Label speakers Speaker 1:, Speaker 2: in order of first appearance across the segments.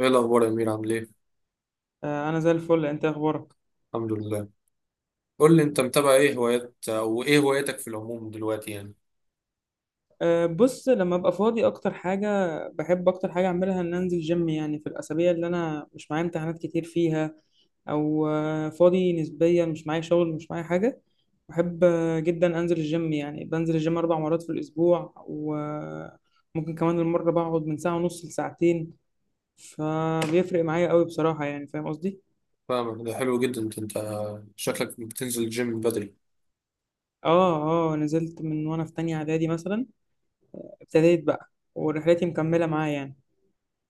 Speaker 1: ايه الاخبار يا امير، عامل ايه؟
Speaker 2: آه، انا زي الفل. انت إيه اخبارك؟
Speaker 1: الحمد لله. قول لي، انت متابع ايه هوايات او ايه هواياتك في العموم دلوقتي يعني؟
Speaker 2: آه، بص، لما ابقى فاضي اكتر حاجه بحب اكتر حاجه اعملها ان انزل جيم، يعني في الاسابيع اللي انا مش معايا امتحانات كتير فيها او فاضي نسبيا، مش معايا شغل مش معايا حاجه. بحب جدا انزل الجيم. يعني بنزل الجيم اربع مرات في الاسبوع، وممكن كمان المره بقعد من ساعه ونص لساعتين. فبيفرق معايا قوي بصراحه، يعني فاهم قصدي.
Speaker 1: فاهمك. ده حلو جدا. انت شكلك بتنزل الجيم من بدري.
Speaker 2: اه اه، نزلت من وانا في تانية اعدادي مثلا. ابتديت بقى ورحلتي مكمله معايا يعني.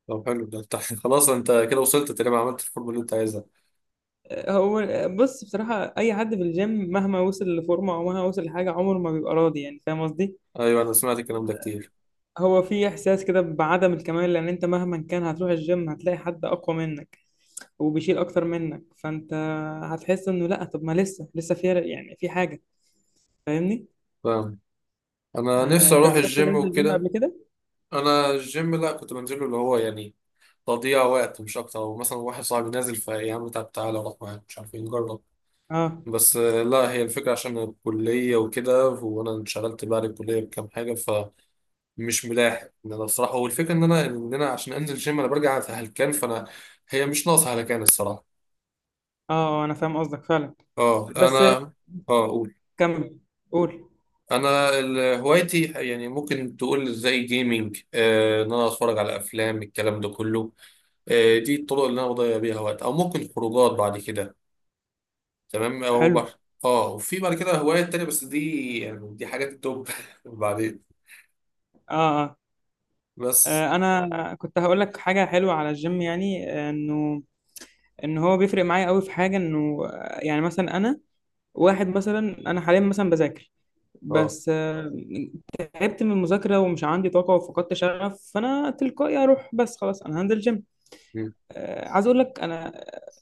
Speaker 1: طب حلو ده انت. خلاص انت كده وصلت تقريبا، عملت الفورمه اللي انت عايزها.
Speaker 2: هو، بص بصراحة، أي حد في الجيم مهما وصل لفورمة أو مهما وصل لحاجة عمره ما بيبقى راضي، يعني فاهم قصدي؟
Speaker 1: ايوه، انا سمعت الكلام ده كتير.
Speaker 2: هو في إحساس كده بعدم الكمال، لأن أنت مهما كان هتروح الجيم هتلاقي حد أقوى منك وبيشيل أكتر منك، فأنت هتحس إنه لأ، طب ما لسه في يعني في حاجة. فاهمني؟
Speaker 1: فاهم. انا
Speaker 2: آه،
Speaker 1: نفسي
Speaker 2: أنت
Speaker 1: اروح
Speaker 2: جربت
Speaker 1: الجيم
Speaker 2: تنزل الجيم
Speaker 1: وكده.
Speaker 2: قبل كده؟
Speaker 1: انا الجيم، لا، كنت بنزله اللي هو يعني تضييع وقت مش اكتر. ومثلا واحد صاحبي نازل فيا، عم طب تعالى اروح معاك مش عارف ايه، نجرب.
Speaker 2: أه
Speaker 1: بس لا، هي الفكره عشان الكليه وكده، وانا انشغلت بعد الكليه بكام حاجه. مش ملاحق ان انا بصراحه. والفكره ان انا عشان انزل جيم انا برجع هلكان، فانا هي مش ناقصه هلكان الصراحه.
Speaker 2: أه. آه، أنا فاهم قصدك فعلا.
Speaker 1: اه انا.
Speaker 2: بس
Speaker 1: اه قول.
Speaker 2: كمل، قول.
Speaker 1: انا هوايتي يعني، ممكن تقول زي جيمنج. ان انا اتفرج على افلام، الكلام ده كله. دي الطرق اللي انا بضيع بيها وقت، او ممكن خروجات بعد كده. تمام، او
Speaker 2: حلو.
Speaker 1: اه وفي بعد كده هوايات تانية، بس دي يعني دي حاجات التوب بعدين.
Speaker 2: أه أه.
Speaker 1: بس.
Speaker 2: آه، أنا كنت هقول لك حاجة حلوة على الجيم، يعني إنه ان هو بيفرق معايا قوي في حاجه، انه يعني مثلا انا، واحد مثلا، انا حاليا مثلا بذاكر
Speaker 1: اه،
Speaker 2: بس تعبت من المذاكره ومش عندي طاقه وفقدت شغف، فانا تلقائي اروح، بس خلاص انا هنزل جيم. آه، عايز اقول لك، انا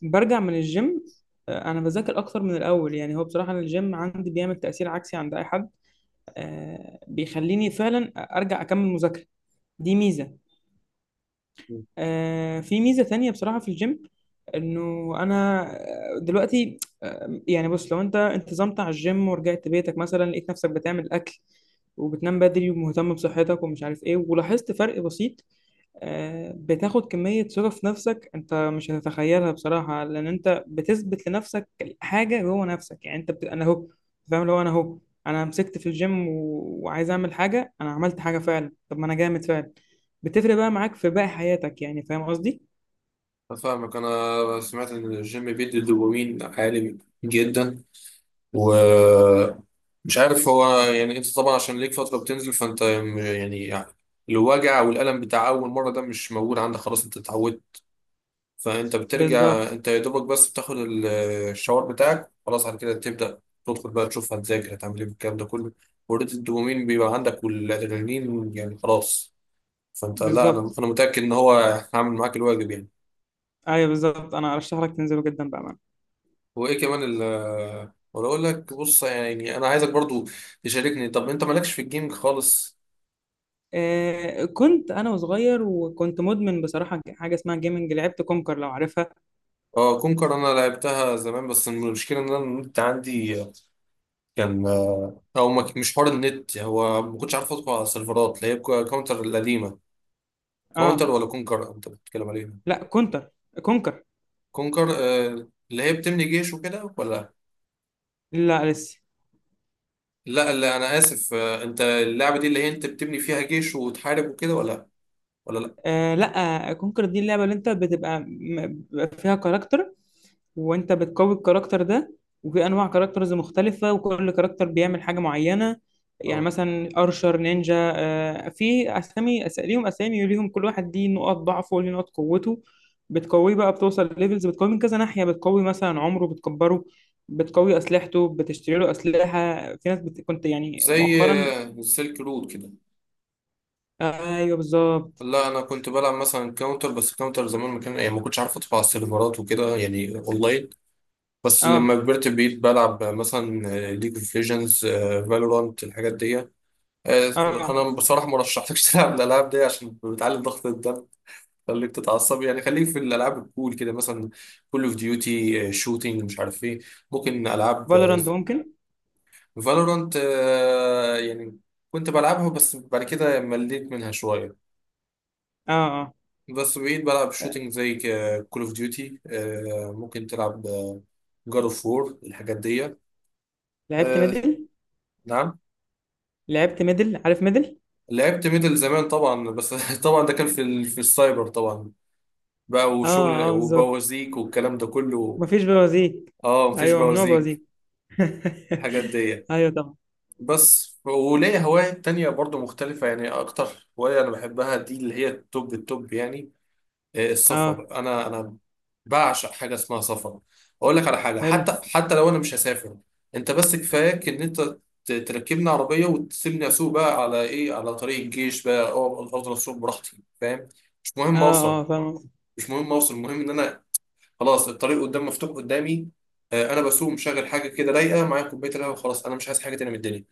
Speaker 2: برجع من الجيم انا بذاكر اكتر من الاول. يعني هو بصراحه أنا الجيم عندي بيعمل تاثير عكسي عند اي حد. بيخليني فعلا ارجع اكمل مذاكره. دي ميزه. آه، في ميزة تانية بصراحة في الجيم، انه انا دلوقتي يعني بص، لو انت انتظمت على الجيم ورجعت بيتك مثلا، لقيت نفسك بتعمل اكل وبتنام بدري ومهتم بصحتك ومش عارف ايه، ولاحظت فرق بسيط. بتاخد كمية ثقة في نفسك انت مش هتتخيلها بصراحة، لان انت بتثبت لنفسك حاجة جوه نفسك، يعني انت انا اهو فاهم. لو انا اهو انا مسكت في الجيم وعايز اعمل حاجة، انا عملت حاجة فعلا. طب ما انا جامد فعلا. بتفرق بقى معاك في باقي حياتك، يعني فاهم قصدي.
Speaker 1: أنا فاهمك. أنا سمعت إن الجيم بيدي دوبامين عالي جدا. ومش عارف، هو يعني أنت طبعا عشان ليك فترة بتنزل، فأنت يعني الوجع والألم بتاع أول مرة ده مش موجود عندك، خلاص أنت اتعودت. فأنت بترجع
Speaker 2: بالظبط.
Speaker 1: أنت يا دوبك، بس بتاخد الشاور بتاعك. خلاص على كده تبدأ تدخل بقى تشوف هتذاكر هتعمل إيه بالكلام ده كله. وريت الدوبامين بيبقى عندك والأدرينالين، يعني خلاص. فأنت، لا، أنا
Speaker 2: بالظبط.
Speaker 1: أنا متأكد إن هو هعمل معاك الواجب يعني.
Speaker 2: ايوه بالظبط، انا ارشح لك تنزله جدا بأمانة.
Speaker 1: وايه كمان. ولا اقول لك، بص يعني انا عايزك برضو تشاركني. طب انت مالكش في الجيمنج خالص؟
Speaker 2: آه، كنت انا وصغير وكنت مدمن بصراحة حاجة اسمها جيمنج، لعبت كونكر، لو عارفها.
Speaker 1: اه كونكر، انا لعبتها زمان. بس المشكله ان انا النت عندي كان، او ما ك- مش حوار النت، هو ما كنتش عارف ادخل على السيرفرات اللي هي كاونتر القديمه.
Speaker 2: اه.
Speaker 1: كاونتر ولا كونكر انت بتتكلم عليها؟
Speaker 2: لا، كونتر. كونكر.
Speaker 1: كونكر اللي هي بتبني جيش وكده، ولا؟
Speaker 2: لا لسه.
Speaker 1: لا لا، انا اسف، انت اللعبه دي اللي هي انت بتبني فيها جيش وتحارب وكده، ولا؟ ولا لا.
Speaker 2: آه لا، كونكر دي اللعبة اللي انت بتبقى بيبقى فيها كاركتر، وانت بتقوي الكاركتر ده، وفي انواع كاركترز مختلفة، وكل كاركتر بيعمل حاجة معينة. يعني
Speaker 1: اه.
Speaker 2: مثلا ارشر، نينجا، آه في اسامي، ليهم اسامي وليهم، كل واحد ليه نقط ضعفه وليه نقط قوته. بتقويه بقى، بتوصل ليفلز، بتقوي من كذا ناحية، بتقوي مثلا عمره بتكبره، بتقوي اسلحته، بتشتري له اسلحة. في ناس كنت يعني
Speaker 1: زي
Speaker 2: مؤخرا.
Speaker 1: السلك رود كده.
Speaker 2: آه ايوه بالظبط.
Speaker 1: لا، انا كنت بلعب مثلا كاونتر. بس كاونتر زمان ما كان يعني، ما كنتش عارف ادخل على السيرفرات وكده يعني اونلاين. بس
Speaker 2: اه
Speaker 1: لما كبرت بقيت بلعب مثلا ليج اوف ليجندز، فالورانت، الحاجات دي. آه،
Speaker 2: اه.
Speaker 1: انا بصراحه ما رشحتكش تلعب الالعاب دي عشان بتعلي ضغط الدم. خليك تتعصب يعني، خليك في الالعاب الكول كده، مثلا كول اوف ديوتي، شوتينج مش عارف ايه. ممكن العاب
Speaker 2: فالورانت ممكن.
Speaker 1: فالورانت. يعني كنت بلعبها، بس بعد كده مليت منها شويه.
Speaker 2: اه. آه.
Speaker 1: بس بقيت بلعب شوتينج زي كول اوف ديوتي. ممكن تلعب جاد اوف وور، الحاجات دي.
Speaker 2: لعبت
Speaker 1: آه،
Speaker 2: ميدل.
Speaker 1: نعم.
Speaker 2: لعبت ميدل، عارف ميدل.
Speaker 1: لعبت ميدل زمان طبعا. بس طبعا ده كان في السايبر طبعا، بقى
Speaker 2: اه
Speaker 1: وشغل
Speaker 2: اه بالظبط.
Speaker 1: وبوازيك والكلام ده كله.
Speaker 2: مفيش بوازيك.
Speaker 1: اه مفيش
Speaker 2: ايوه ممنوع
Speaker 1: بوازيك،
Speaker 2: بوازيك.
Speaker 1: الحاجات دي.
Speaker 2: ايوه طبعا.
Speaker 1: بس وليا هواية تانية برضو مختلفة يعني. أكتر هواية أنا بحبها، دي اللي هي التوب التوب يعني إيه،
Speaker 2: اه
Speaker 1: السفر. انا بعشق حاجه اسمها سفر. اقول لك على حاجه،
Speaker 2: حلو.
Speaker 1: حتى لو انا مش هسافر، انت بس كفاياك ان انت تركبني عربيه وتسيبني اسوق بقى على ايه، على طريق الجيش بقى، افضل اسوق براحتي، فاهم؟ مش مهم
Speaker 2: اه
Speaker 1: اوصل.
Speaker 2: اه فاهم قصدك.
Speaker 1: مش مهم اوصل، المهم ان انا خلاص الطريق قدام مفتوح قدامي. انا بسوق مشغل حاجه كده رايقه معايا، كوبايه القهوه، وخلاص انا مش عايز حاجه تانية من الدنيا.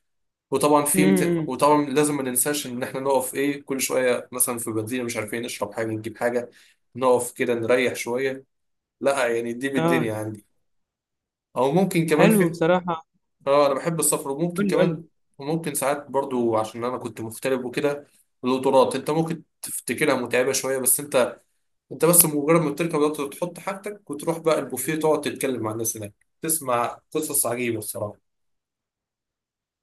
Speaker 1: وطبعا
Speaker 2: امم.
Speaker 1: وطبعا لازم ما ننساش ان احنا نقف ايه كل شويه، مثلا في بنزينه، مش عارفين نشرب حاجه نجيب حاجه، نقف كده نريح شويه. لا يعني، دي
Speaker 2: اه.
Speaker 1: بالدنيا عندي. او ممكن كمان
Speaker 2: حلو بصراحه.
Speaker 1: اه انا بحب السفر. وممكن
Speaker 2: قول لي قول
Speaker 1: كمان،
Speaker 2: لي.
Speaker 1: وممكن ساعات برضو، عشان انا كنت مغترب وكده، القطارات انت ممكن تفتكرها متعبه شويه، بس انت، انت بس مجرد ما بتركب القطر تحط حاجتك وتروح بقى البوفيه، تقعد تتكلم مع الناس هناك، تسمع قصص عجيبه الصراحه.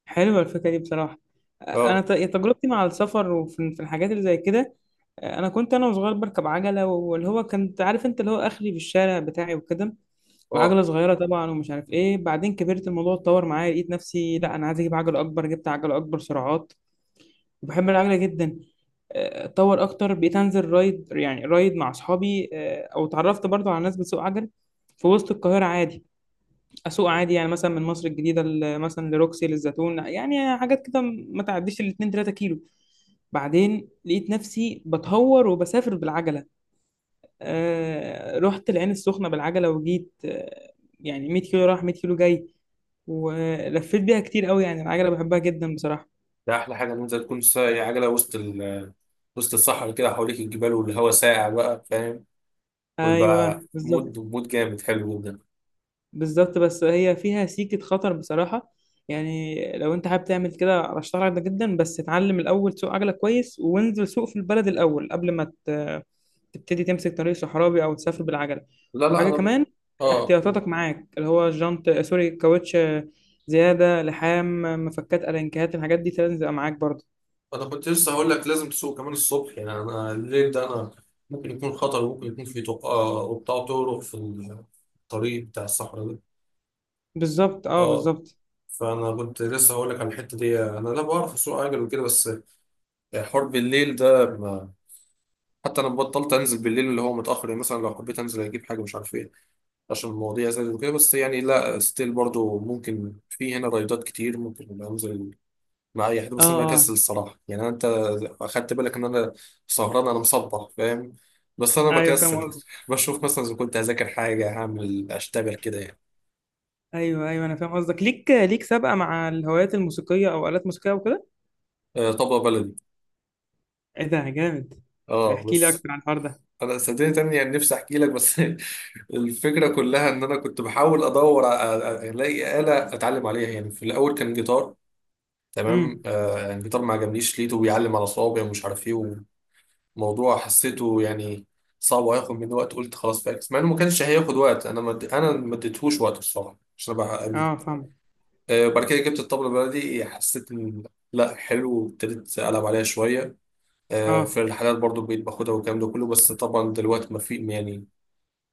Speaker 2: حلوه الفكره دي بصراحه. انا
Speaker 1: اه
Speaker 2: تجربتي مع السفر وفي في الحاجات اللي زي كده. انا كنت انا وصغير بركب عجله، واللي هو كنت عارف انت، اللي هو اخري في الشارع بتاعي وكده، وعجلة
Speaker 1: اه.
Speaker 2: صغيرة طبعا ومش عارف ايه. بعدين كبرت، الموضوع اتطور معايا، لقيت نفسي لا انا عايز اجيب عجلة اكبر، جبت عجلة اكبر سرعات، وبحب العجلة جدا. اتطور اكتر، بقيت انزل رايد، يعني رايد مع اصحابي، او اتعرفت برضو على ناس بتسوق عجل في وسط القاهرة عادي. اسوق عادي يعني مثلا من مصر الجديدة مثلا لروكسي، للزيتون، يعني حاجات كده ما تعديش الاتنين تلاتة كيلو. بعدين لقيت نفسي بتهور وبسافر بالعجلة. آه، رحت العين السخنة بالعجلة وجيت، يعني 100 كيلو رايح 100 كيلو جاي، ولفيت بيها كتير قوي. يعني العجلة بحبها جدا بصراحة.
Speaker 1: ده احلى حاجه ان انت تكون سايق عجله وسط الصحراء كده، حواليك الجبال والهواء ساقع بقى، فاهم؟ ويبقى
Speaker 2: ايوه بالظبط.
Speaker 1: مود مود جامد، حلو جدا.
Speaker 2: بالظبط، بس هي فيها سيكة خطر بصراحة. يعني لو انت حابب تعمل كده ارشح لك ده جدا، بس اتعلم الاول، سوق عجلة كويس وانزل سوق في البلد الاول قبل ما تبتدي تمسك طريق صحراوي او تسافر بالعجلة.
Speaker 1: لا لا
Speaker 2: وحاجة
Speaker 1: انا
Speaker 2: كمان،
Speaker 1: اه قول.
Speaker 2: احتياطاتك معاك، اللي هو جنط، سوري، كاوتش زيادة، لحام، مفكات، ألانكات، الحاجات دي لازم تبقى معاك برضه.
Speaker 1: انا كنت لسه هقول لك لازم تسوق كمان الصبح يعني. انا الليل ده انا ممكن يكون خطر، وممكن يكون في طرقة وبتاع طرق في الطريق بتاع الصحراء ده.
Speaker 2: بالظبط اه
Speaker 1: اه.
Speaker 2: بالظبط.
Speaker 1: فانا كنت لسه هقول لك على الحته دي. انا لا بعرف اسوق عجل وكده، بس يعني حوار بالليل ده ما... حتى انا بطلت انزل بالليل اللي هو متاخر، يعني مثلا لو حبيت انزل اجيب حاجه مش عارف ايه، عشان المواضيع زادت وكده. بس يعني لا ستيل برضو ممكن، في هنا رايدات كتير ممكن انزل مع اي حد،
Speaker 2: اه
Speaker 1: بس انا
Speaker 2: اه.
Speaker 1: بكسل الصراحه. يعني انت اخدت بالك ان انا سهران، انا مصبح، فاهم؟ بس انا
Speaker 2: ايوه فاهم.
Speaker 1: بكسل بشوف مثلا اذا كنت هذاكر حاجه، هعمل اشتغل كده يعني.
Speaker 2: ايوه ايوه انا فاهم قصدك. ليك سابقه مع الهوايات الموسيقيه او الات موسيقيه وكده.
Speaker 1: آه طبق بلدي.
Speaker 2: ايه ده جامد.
Speaker 1: اه
Speaker 2: احكي لي
Speaker 1: بس.
Speaker 2: اكتر عن الحوار ده.
Speaker 1: انا صدقني تاني يعني نفسي احكي لك، بس الفكره كلها ان انا كنت بحاول ادور الاقي آلة اتعلم عليها يعني. في الاول كان جيتار، تمام،
Speaker 2: امم.
Speaker 1: يعني جيتار ما عجبنيش، لقيته بيعلم على صوابعي ومش عارف ايه، وموضوع حسيته يعني صعب وهياخد مني وقت، قلت خلاص فاكس، مع انه ما كانش هياخد وقت، انا ما اديتهوش وقت الصراحه عشان ابقى امين.
Speaker 2: اه فاهم.
Speaker 1: بعد كده جبت الطبله البلدي، حسيت ان لا حلو، وابتديت العب عليها شويه.
Speaker 2: اه
Speaker 1: في الحالات برضو بقيت باخدها والكلام ده كله، بس طبعا دلوقتي ما في يعني،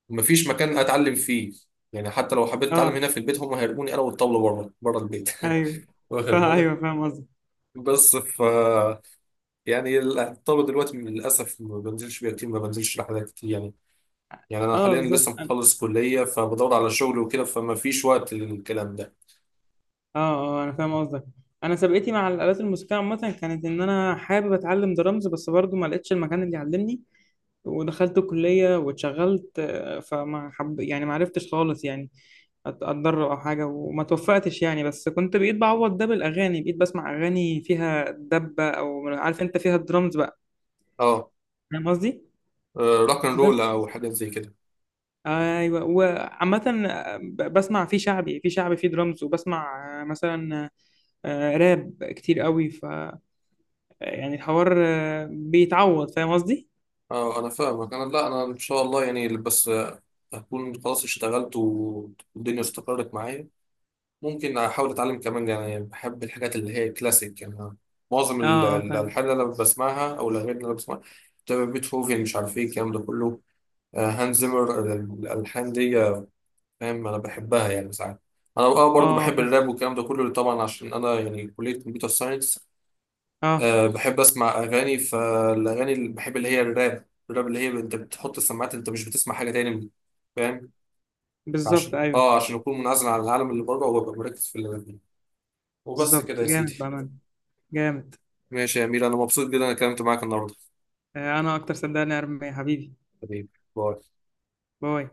Speaker 1: ما فيش مكان اتعلم فيه. يعني حتى لو حبيت اتعلم
Speaker 2: اه.
Speaker 1: هنا في البيت، هم هيرموني انا والطبله بره بره البيت.
Speaker 2: ايوه.
Speaker 1: واخد
Speaker 2: فا
Speaker 1: بالك.
Speaker 2: ايوه فاهم قصدك.
Speaker 1: بس يعني الطلبة دلوقتي للأسف ما بنزلش بيها كتير، ما بنزلش رحلات كتير يعني. يعني أنا
Speaker 2: اه
Speaker 1: حاليا
Speaker 2: بالظبط
Speaker 1: لسه
Speaker 2: أنا-
Speaker 1: مخلص كلية، فبدور على شغل وكده، فما فيش وقت للكلام ده.
Speaker 2: اه اه انا فاهم قصدك. انا سابقتي مع الالات الموسيقيه عامه كانت ان انا حابب اتعلم درامز، بس برضو ما لقيتش المكان اللي يعلمني. ودخلت كلية واتشغلت، فما حب يعني ما عرفتش خالص، يعني اتدرب او حاجة وما توفقتش يعني. بس كنت بقيت بعوض ده بالاغاني، بقيت بسمع اغاني فيها دبة، او عارف انت فيها درامز بقى،
Speaker 1: اه
Speaker 2: فاهم قصدي.
Speaker 1: روك اند رول
Speaker 2: بس
Speaker 1: أو حاجات زي كده.
Speaker 2: ايوه. وعامة بسمع في شعبي، في شعبي في درامز، وبسمع مثلا راب كتير قوي، يعني الحوار بيتعوض، فاهم قصدي.
Speaker 1: اه أنا فاهمك. أنا، لا، أنا إن شاء الله يعني. بس هكون خلاص اشتغلت والدنيا استقرت معايا، ممكن أحاول أتعلم كمان يعني. بحب الحاجات اللي هي كلاسيك يعني. أنا معظم
Speaker 2: اه آه، فاهم.
Speaker 1: الألحان اللي أنا بسمعها أو الأغاني اللي أنا بسمعها بتبقى بيتهوفن مش عارف إيه الكلام ده كله، هانز زيمر، الألحان دي فاهم انا بحبها يعني. ساعات انا برضو
Speaker 2: اه
Speaker 1: بحب
Speaker 2: فاهم.
Speaker 1: الراب والكلام ده كله، طبعا عشان انا يعني كليه كمبيوتر ساينس.
Speaker 2: اه
Speaker 1: أه بحب اسمع اغاني، فالاغاني اللي بحب اللي هي الراب، الراب اللي هي انت بتحط السماعات انت مش بتسمع حاجه تاني، فاهم؟
Speaker 2: بالظبط. ايوه
Speaker 1: عشان اكون منعزل عن العالم اللي بره وابقى مركز في اللي أنا فيه. وبس كده
Speaker 2: بالظبط
Speaker 1: يا سيدي.
Speaker 2: جامد بأمان. جامد.
Speaker 1: ماشي يا امير، انا مبسوط جدا انا اتكلمت معاك النهارده.
Speaker 2: آه، انا اكتر، صدقني يا ارمي حبيبي.
Speaker 1: حبيبي. باي.
Speaker 2: باي.